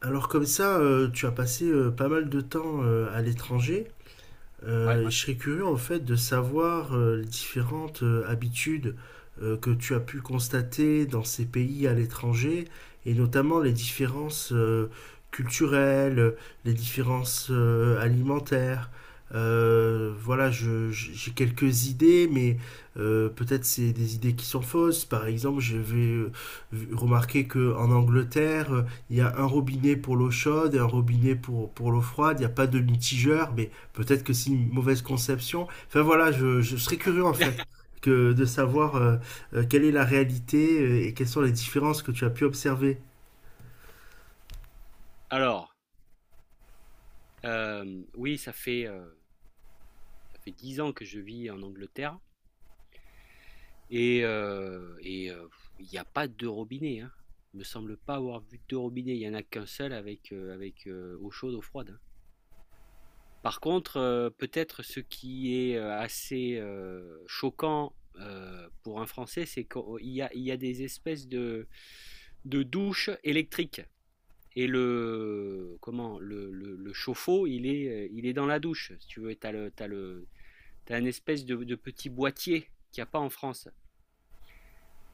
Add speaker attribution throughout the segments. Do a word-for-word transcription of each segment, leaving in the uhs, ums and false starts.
Speaker 1: Alors comme ça, euh, tu as passé euh, pas mal de temps euh, à l'étranger.
Speaker 2: Ouais.
Speaker 1: Euh, et je serais curieux en fait de savoir euh, les différentes euh, habitudes euh, que tu as pu constater dans ces pays à l'étranger, et notamment les différences euh, culturelles, les différences euh, alimentaires. Euh, voilà, je- je- j'ai quelques idées, mais euh, peut-être c'est des idées qui sont fausses. Par exemple, je vais remarquer que en Angleterre, euh, il y a un robinet pour l'eau chaude et un robinet pour, pour l'eau froide. Il n'y a pas de mitigeur, mais peut-être que c'est une mauvaise conception. Enfin voilà, je, je serais curieux en fait que de savoir euh, euh, quelle est la réalité euh, et quelles sont les différences que tu as pu observer.
Speaker 2: Alors, hem, oui, ça fait, heu, ça fait dix ans que je vis en Angleterre et heu et heu, il n'y a pas de robinet. hein. Il me semble pas avoir vu de robinet. Il y en a qu'un seul avec, heu, avec, heu, eau chaude, eau froide, hein. Par contre, heu, peut-être ce qui est, heu, assez, heu, choquant, heu, pour un Français, c'est qu'il y a il y a des espèces de de douches électriques. Et le comment? Le le le chauffe-eau, il est, euh, il est dans la douche, si tu veux. Et tu as le t'as le t'as une espèce de de petit boîtier qu'il y a pas en France.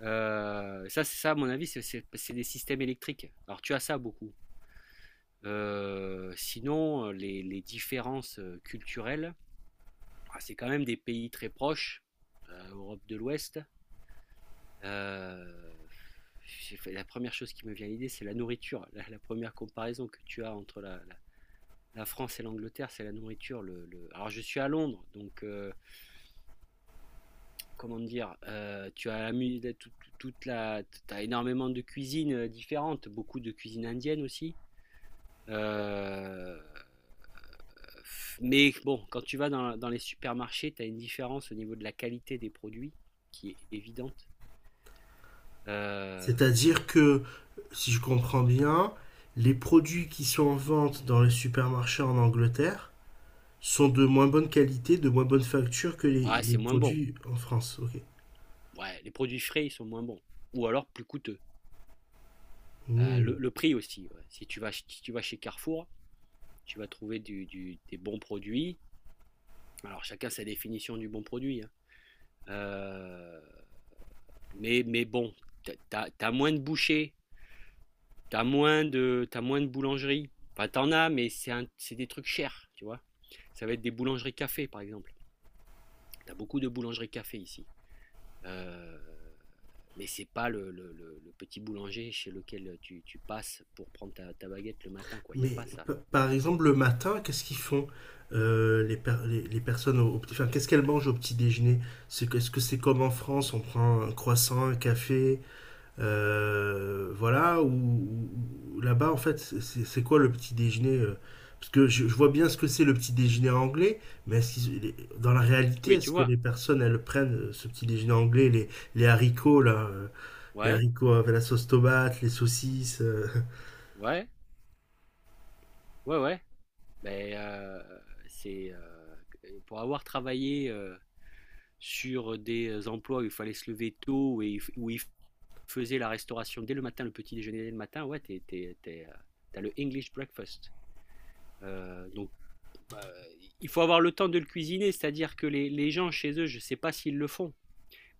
Speaker 2: Heu, ça c'est ça à mon avis, c'est c'est c'est des systèmes électriques. Alors tu as ça beaucoup. Heu, sinon, les les différences, euh, culturelles, bah, c'est quand même des pays très proches, heu, Europe de l'Ouest. Heu, la première chose qui me vient à l'idée, c'est la nourriture. La la une comparaison que tu as entre la la La France et l'Angleterre, c'est la nourriture. Le, le- Alors, je suis à Londres, donc euh, comment dire, euh, tu as la mu- toute la, t'as énormément de cuisines euh, différentes, beaucoup de cuisine indienne aussi. Euh, Mais bon, quand tu vas dans, dans les supermarchés, tu as une différence au niveau de la qualité des produits qui est évidente. Euh,
Speaker 1: C'est-à-dire que, si je comprends bien, les produits qui sont en vente dans les supermarchés en Angleterre sont de moins bonne qualité, de moins bonne facture que les,
Speaker 2: Ouais,
Speaker 1: les
Speaker 2: c'est moins bon.
Speaker 1: produits en France. Ok.
Speaker 2: Ouais, les produits frais, ils sont moins bons. Ou alors plus coûteux. Euh, le,
Speaker 1: Hmm.
Speaker 2: le prix aussi, ouais. Si tu vas, si tu vas chez Carrefour, tu vas trouver du, du- des bons produits. Alors chacun sa définition du bon produit, hein. Euh, mais, mais bon, t'as, t'as- moins de bouchers, t'as moins de, t'as moins de boulangeries. Enfin, t'en as, mais c'est c'est des trucs chers, tu vois. Ça va être des boulangeries café, par exemple. T'as beaucoup de boulangeries café ici. Euh, mais c'est pas le, le- le- le petit boulanger chez lequel tu, tu passes pour prendre ta, ta baguette le matin, quoi. Il n'y a
Speaker 1: Mais
Speaker 2: pas ça.
Speaker 1: p- par exemple, le matin, qu'est-ce qu'ils font, euh, les, per- les, les personnes au, au petit, enfin, qu'est-ce qu'elles mangent au petit déjeuner? C'est, que- est-ce que c'est comme en France, on prend un croissant, un café, euh, voilà, ou, ou là-bas, en fait, c'est c'est- c'est quoi le petit déjeuner? euh Parce que je, je vois bien ce que c'est le petit déjeuner anglais, mais est-ce qu'ils- les- dans la réalité,
Speaker 2: Oui, tu
Speaker 1: est-ce que
Speaker 2: vois.
Speaker 1: les personnes, elles prennent euh, ce petit déjeuner anglais, les, les haricots, là, euh, les
Speaker 2: Ouais,
Speaker 1: haricots avec la sauce tomate, les saucisses? euh,
Speaker 2: ouais, ouais, ouais. Ben heu, c'est, heu, pour avoir travaillé, heu, sur des emplois où il fallait se lever tôt et où ils faisaient la restauration dès le matin, le petit déjeuner dès le matin, ouais, t'es t'es tu es tu le English breakfast. Heu, donc, heu, il faut avoir le temps de le cuisiner, c'est-à-dire que les les gens chez eux, je ne sais pas s'ils le font.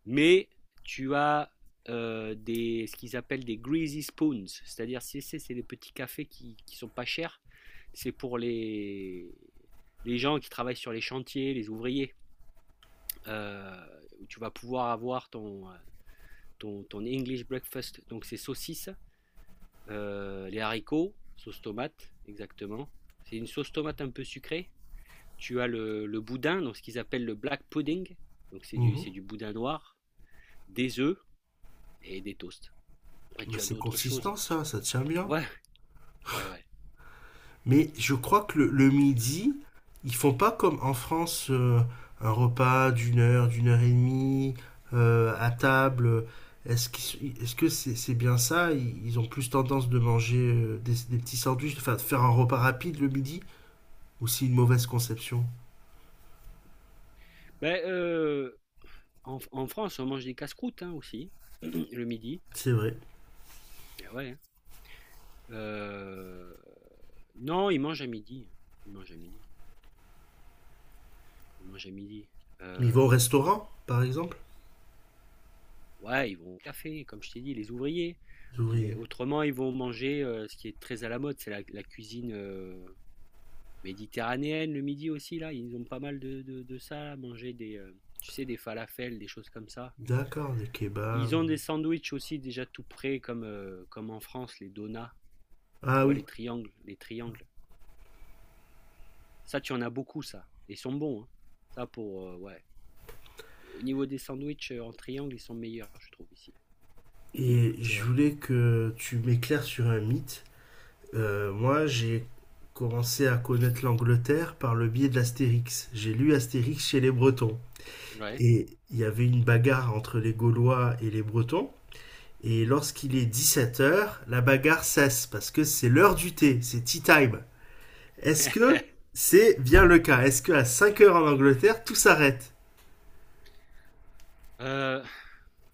Speaker 2: Mais tu as euh, des, ce qu'ils appellent des greasy spoons, c'est-à-dire c'est c'est- c'est des petits cafés qui, qui sont pas chers. C'est pour les, les gens qui travaillent sur les chantiers, les ouvriers, euh, où tu vas pouvoir avoir ton, euh, ton, ton English breakfast. Donc c'est saucisses, euh, les haricots, sauce tomate, exactement. C'est une sauce tomate un peu sucrée. Tu as le, le boudin, donc ce qu'ils appellent le black pudding. Donc c'est du, c'est du boudin noir, des œufs et des toasts. Après,
Speaker 1: Mais
Speaker 2: tu as
Speaker 1: c'est
Speaker 2: d'autres choses.
Speaker 1: consistant
Speaker 2: Tu-
Speaker 1: ça, ça tient bien.
Speaker 2: Ouais, ouais, ouais.
Speaker 1: Mais je crois que le, le midi, ils font pas comme en France euh, un repas d'une heure, d'une heure et demie euh, à table. Est-ce qu'ils- est-ce que c'est c'est bien ça, ils, ils ont plus tendance de manger euh, des, des petits sandwichs, enfin de faire un repas rapide le midi? Ou c'est une mauvaise conception?
Speaker 2: Ben, euh, en, En France, on mange des casse-croûtes, hein, aussi, le midi.
Speaker 1: C'est vrai.
Speaker 2: Eh ouais, hein. Euh, non, ils mangent à midi, hein. Ils mangent à midi. Ils mangent à midi.
Speaker 1: Mais ils vont au
Speaker 2: Euh,
Speaker 1: restaurant, par exemple?
Speaker 2: ouais, ils vont au café, comme je t'ai dit, les ouvriers.
Speaker 1: Les
Speaker 2: Les-
Speaker 1: ouvriers.
Speaker 2: autrement, ils vont manger euh, ce qui est très à la mode, c'est la, la cuisine euh, méditerranéenne, le midi aussi, là. Ils ont pas mal de, de, de ça, là, manger des, euh, tu sais, des falafels, des choses comme ça.
Speaker 1: D'accord, des
Speaker 2: Ils ont
Speaker 1: kebabs.
Speaker 2: des sandwichs aussi déjà tout prêts comme, euh, comme en France, les donuts,
Speaker 1: Ah
Speaker 2: tu vois, les
Speaker 1: oui.
Speaker 2: triangles, les triangles. Ça, tu en as beaucoup, ça. Et ils sont bons, hein. Ça pour, euh, ouais. Au niveau des sandwichs euh, en triangle, ils sont meilleurs, je trouve, ici.
Speaker 1: Et
Speaker 2: C'est
Speaker 1: je
Speaker 2: vrai.
Speaker 1: voulais que tu m'éclaires sur un mythe. Euh, moi, j'ai commencé à connaître l'Angleterre par le biais de l'Astérix. J'ai lu Astérix chez les Bretons.
Speaker 2: Ouais.
Speaker 1: Et il y avait une bagarre entre les Gaulois et les Bretons. Et lorsqu'il est dix-sept heures, la bagarre cesse parce que c'est l'heure du thé, c'est tea time. Est-ce que c'est bien le cas? Est-ce qu'à cinq heures en Angleterre, tout s'arrête?
Speaker 2: Euh,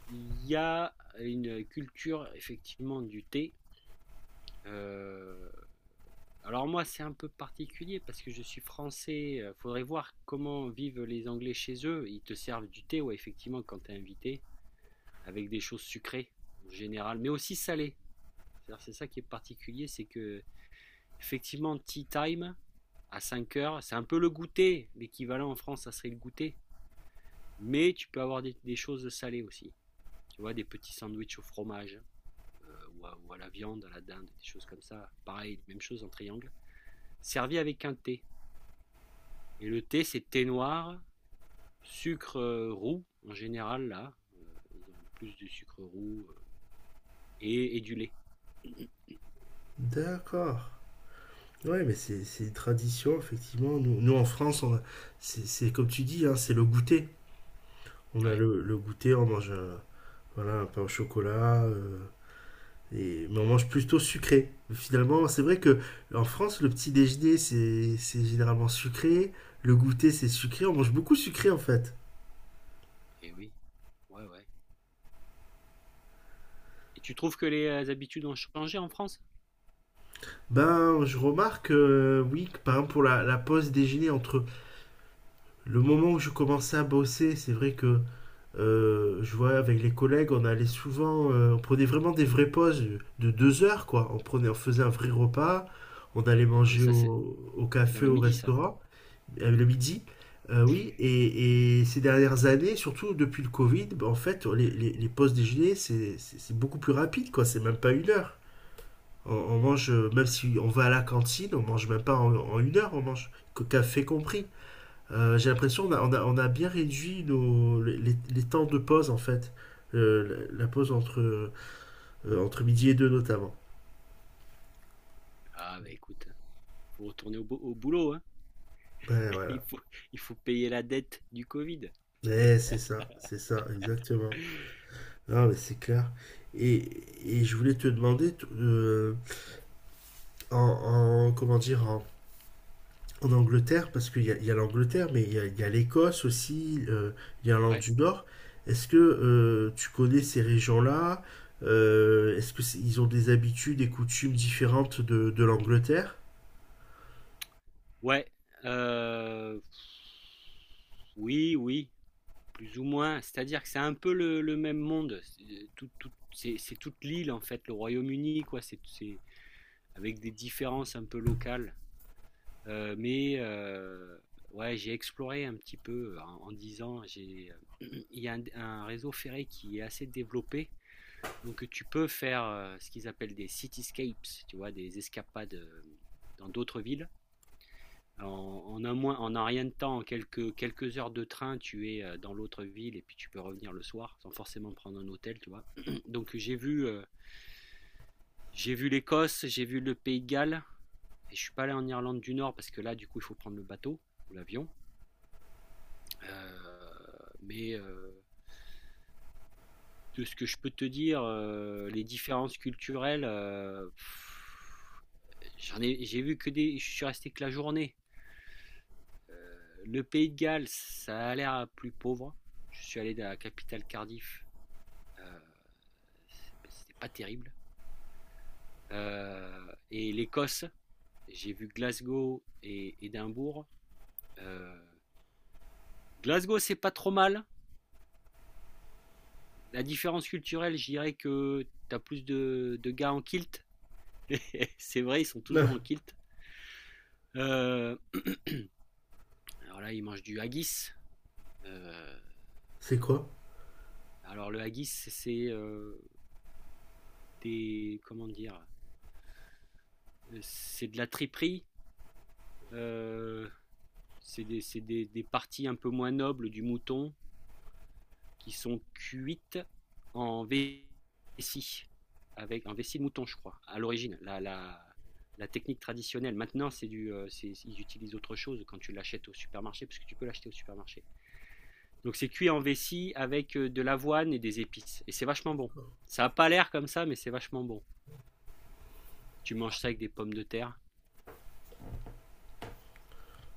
Speaker 2: Il y a une culture, effectivement, du thé. Euh, alors moi, c'est un peu particulier parce que je suis français. euh, Faudrait voir comment vivent les Anglais chez eux. Ils te servent du thé, ouais, effectivement, quand t'es invité. Avec des choses sucrées en général, mais aussi salées. C'est ça qui est particulier, c'est que effectivement, tea time à cinq heures, c'est un peu le goûter. L'équivalent en France, ça serait le goûter. Mais tu peux avoir des, des choses salées aussi. Tu vois, des petits sandwichs au fromage euh, ou, à, ou à la viande, à la dinde, des choses comme ça. Pareil, même chose en triangle, servi avec un thé. Et le thé, c'est thé noir, sucre euh, roux en général là. Euh, ils ont plus de sucre roux, euh, et, et du lait.
Speaker 1: D'accord. Ouais, mais c'est c'est une tradition, effectivement. Nous, nous, en France, on a- c'est c'est comme tu dis, hein, c'est le goûter. On a
Speaker 2: Ouais.
Speaker 1: le, le goûter, on mange un, voilà, un pain au chocolat. euh, et... Mais on mange plutôt sucré. Finalement, c'est vrai que en France, le petit déjeuner, c'est c'est généralement sucré. Le goûter, c'est sucré. On mange beaucoup sucré, en fait.
Speaker 2: Et oui. Ouais, ouais. Et tu trouves que les euh, habitudes ont changé en France?
Speaker 1: Ben, je remarque, euh, oui, que par exemple, pour la, la pause déjeuner, entre le moment où je commençais à bosser, c'est vrai que euh, je vois avec les collègues, on allait souvent, euh, on prenait vraiment des vraies pauses de deux heures, quoi. On prenait, on faisait un vrai repas, on allait
Speaker 2: Ah mais
Speaker 1: manger
Speaker 2: ça, c'est
Speaker 1: au, au
Speaker 2: c'est dans
Speaker 1: café,
Speaker 2: le
Speaker 1: au
Speaker 2: midi, ça.
Speaker 1: restaurant. Euh, le midi. Euh, oui, et, et, ces dernières années, surtout depuis le Covid, bah, en fait, les, les, les pauses déjeuner, c'est c'est c'est beaucoup plus rapide, quoi. C'est même pas une heure. On, on mange, euh, même si on va à la cantine, on mange même pas en, en une heure, on mange que café compris. Euh, J'ai l'impression qu'on a, on a, on a bien réduit nos, les, les les temps de pause, en fait. Euh, la, la pause entre, euh, entre midi et deux, notamment.
Speaker 2: Ah bah écoute, hein, faut retourner au, bo- au boulot, hein.
Speaker 1: Ouais,
Speaker 2: Il
Speaker 1: voilà.
Speaker 2: faut, il faut payer la dette du Covid.
Speaker 1: Ouais, c'est ça, c'est ça, exactement. Non, mais c'est clair. Et, et je voulais te demander, t- euh, en, en- comment dire, en, en Angleterre, parce qu'il y a, il y a l'Angleterre, mais il y a, il y a l'Écosse aussi, euh, l'Irlande
Speaker 2: Ouais.
Speaker 1: du Nord. Est-ce que euh, tu connais ces régions-là? Euh, est-ce que c'est- ils ont des habitudes et coutumes différentes de, de l'Angleterre?
Speaker 2: Ouais. euh, oui, oui, plus ou moins. C'est-à-dire que c'est un peu le, le même monde. C'est tout- tout- c'est- c'est toute l'île en fait, le Royaume-Uni, quoi. C'est c'est- avec des différences un peu locales. Heu, mais heu, ouais, j'ai exploré un petit peu en en disant j'ai, il y a un un réseau ferré qui est assez développé, donc tu peux faire, heu, ce qu'ils appellent des cityscapes, tu vois? Des escapades, heu, dans d'autres villes. En en un moins en un rien de temps, en quelques quelques heures de train, tu es, heu, dans l'autre ville et puis tu peux revenir le soir sans forcément prendre un hôtel, tu vois? Donc j'ai vu, heu, j'ai vu l'Écosse, j'ai vu le Pays de Galles et je suis pas allé en Irlande du Nord parce que là, du coup, il faut prendre le bateau ou l'avion. Heu, mais heu, de ce que je peux te dire, heu, les différences culturelles, heu, j'en ai j'ai vu que des je suis resté que la journée. Heu, le Pays de Galles, ça a l'air plus pauvre. Je suis allé dans la capitale Cardiff, heu, c'est ben, c'était pas terrible. Heu et l'Écosse, j'ai vu Glasgow et Édimbourg. Heu, Glasgow, c'est pas trop mal. La différence culturelle, je dirais que tu as plus de de gars en kilt. C'est vrai, ils sont toujours en
Speaker 1: Ah,
Speaker 2: kilt. Euh, alors là, ils mangent du haggis. Euh,
Speaker 1: c'est quoi?
Speaker 2: alors le haggis, c'est euh, des comment dire, euh, c'est de la triperie. euh, c'est des, c'est des- des parties un peu moins nobles du mouton qui sont cuites en vessie, avec un vessie de mouton, je crois, à l'origine. La, la, la technique traditionnelle. Maintenant, c'est du, euh, c'est- ils utilisent autre chose quand tu l'achètes au supermarché, parce que tu peux l'acheter au supermarché. Donc c'est cuit en vessie avec euh, de l'avoine et des épices. Et c'est vachement bon. Ça a pas l'air comme ça, mais c'est vachement bon. Tu manges ça avec des pommes de terre.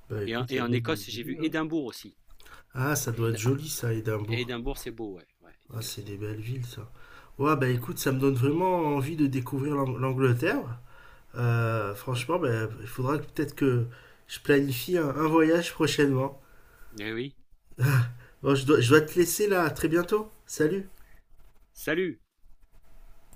Speaker 1: Bah
Speaker 2: Et, en-
Speaker 1: écoute, ça
Speaker 2: et en
Speaker 1: donne
Speaker 2: Écosse,
Speaker 1: des
Speaker 2: j'ai
Speaker 1: idées,
Speaker 2: vu
Speaker 1: hein.
Speaker 2: Édimbourg aussi.
Speaker 1: Ah, ça doit être
Speaker 2: Éd-
Speaker 1: joli ça, Édimbourg.
Speaker 2: Édimbourg, c'est beau, ouais. Ouais,
Speaker 1: Ah,
Speaker 2: Édimbourg,
Speaker 1: c'est
Speaker 2: c'est
Speaker 1: des
Speaker 2: beau.
Speaker 1: belles villes ça. Ouais, bah
Speaker 2: Ouais,
Speaker 1: écoute, ça me donne vraiment envie de découvrir l'Ang- l'Angleterre. Euh,
Speaker 2: ouais.
Speaker 1: franchement, ben, il faudra que- peut-être que je planifie un, un voyage prochainement.
Speaker 2: Eh oui.
Speaker 1: Bon, je dois, je dois te laisser là, à très bientôt. Salut!
Speaker 2: Salut!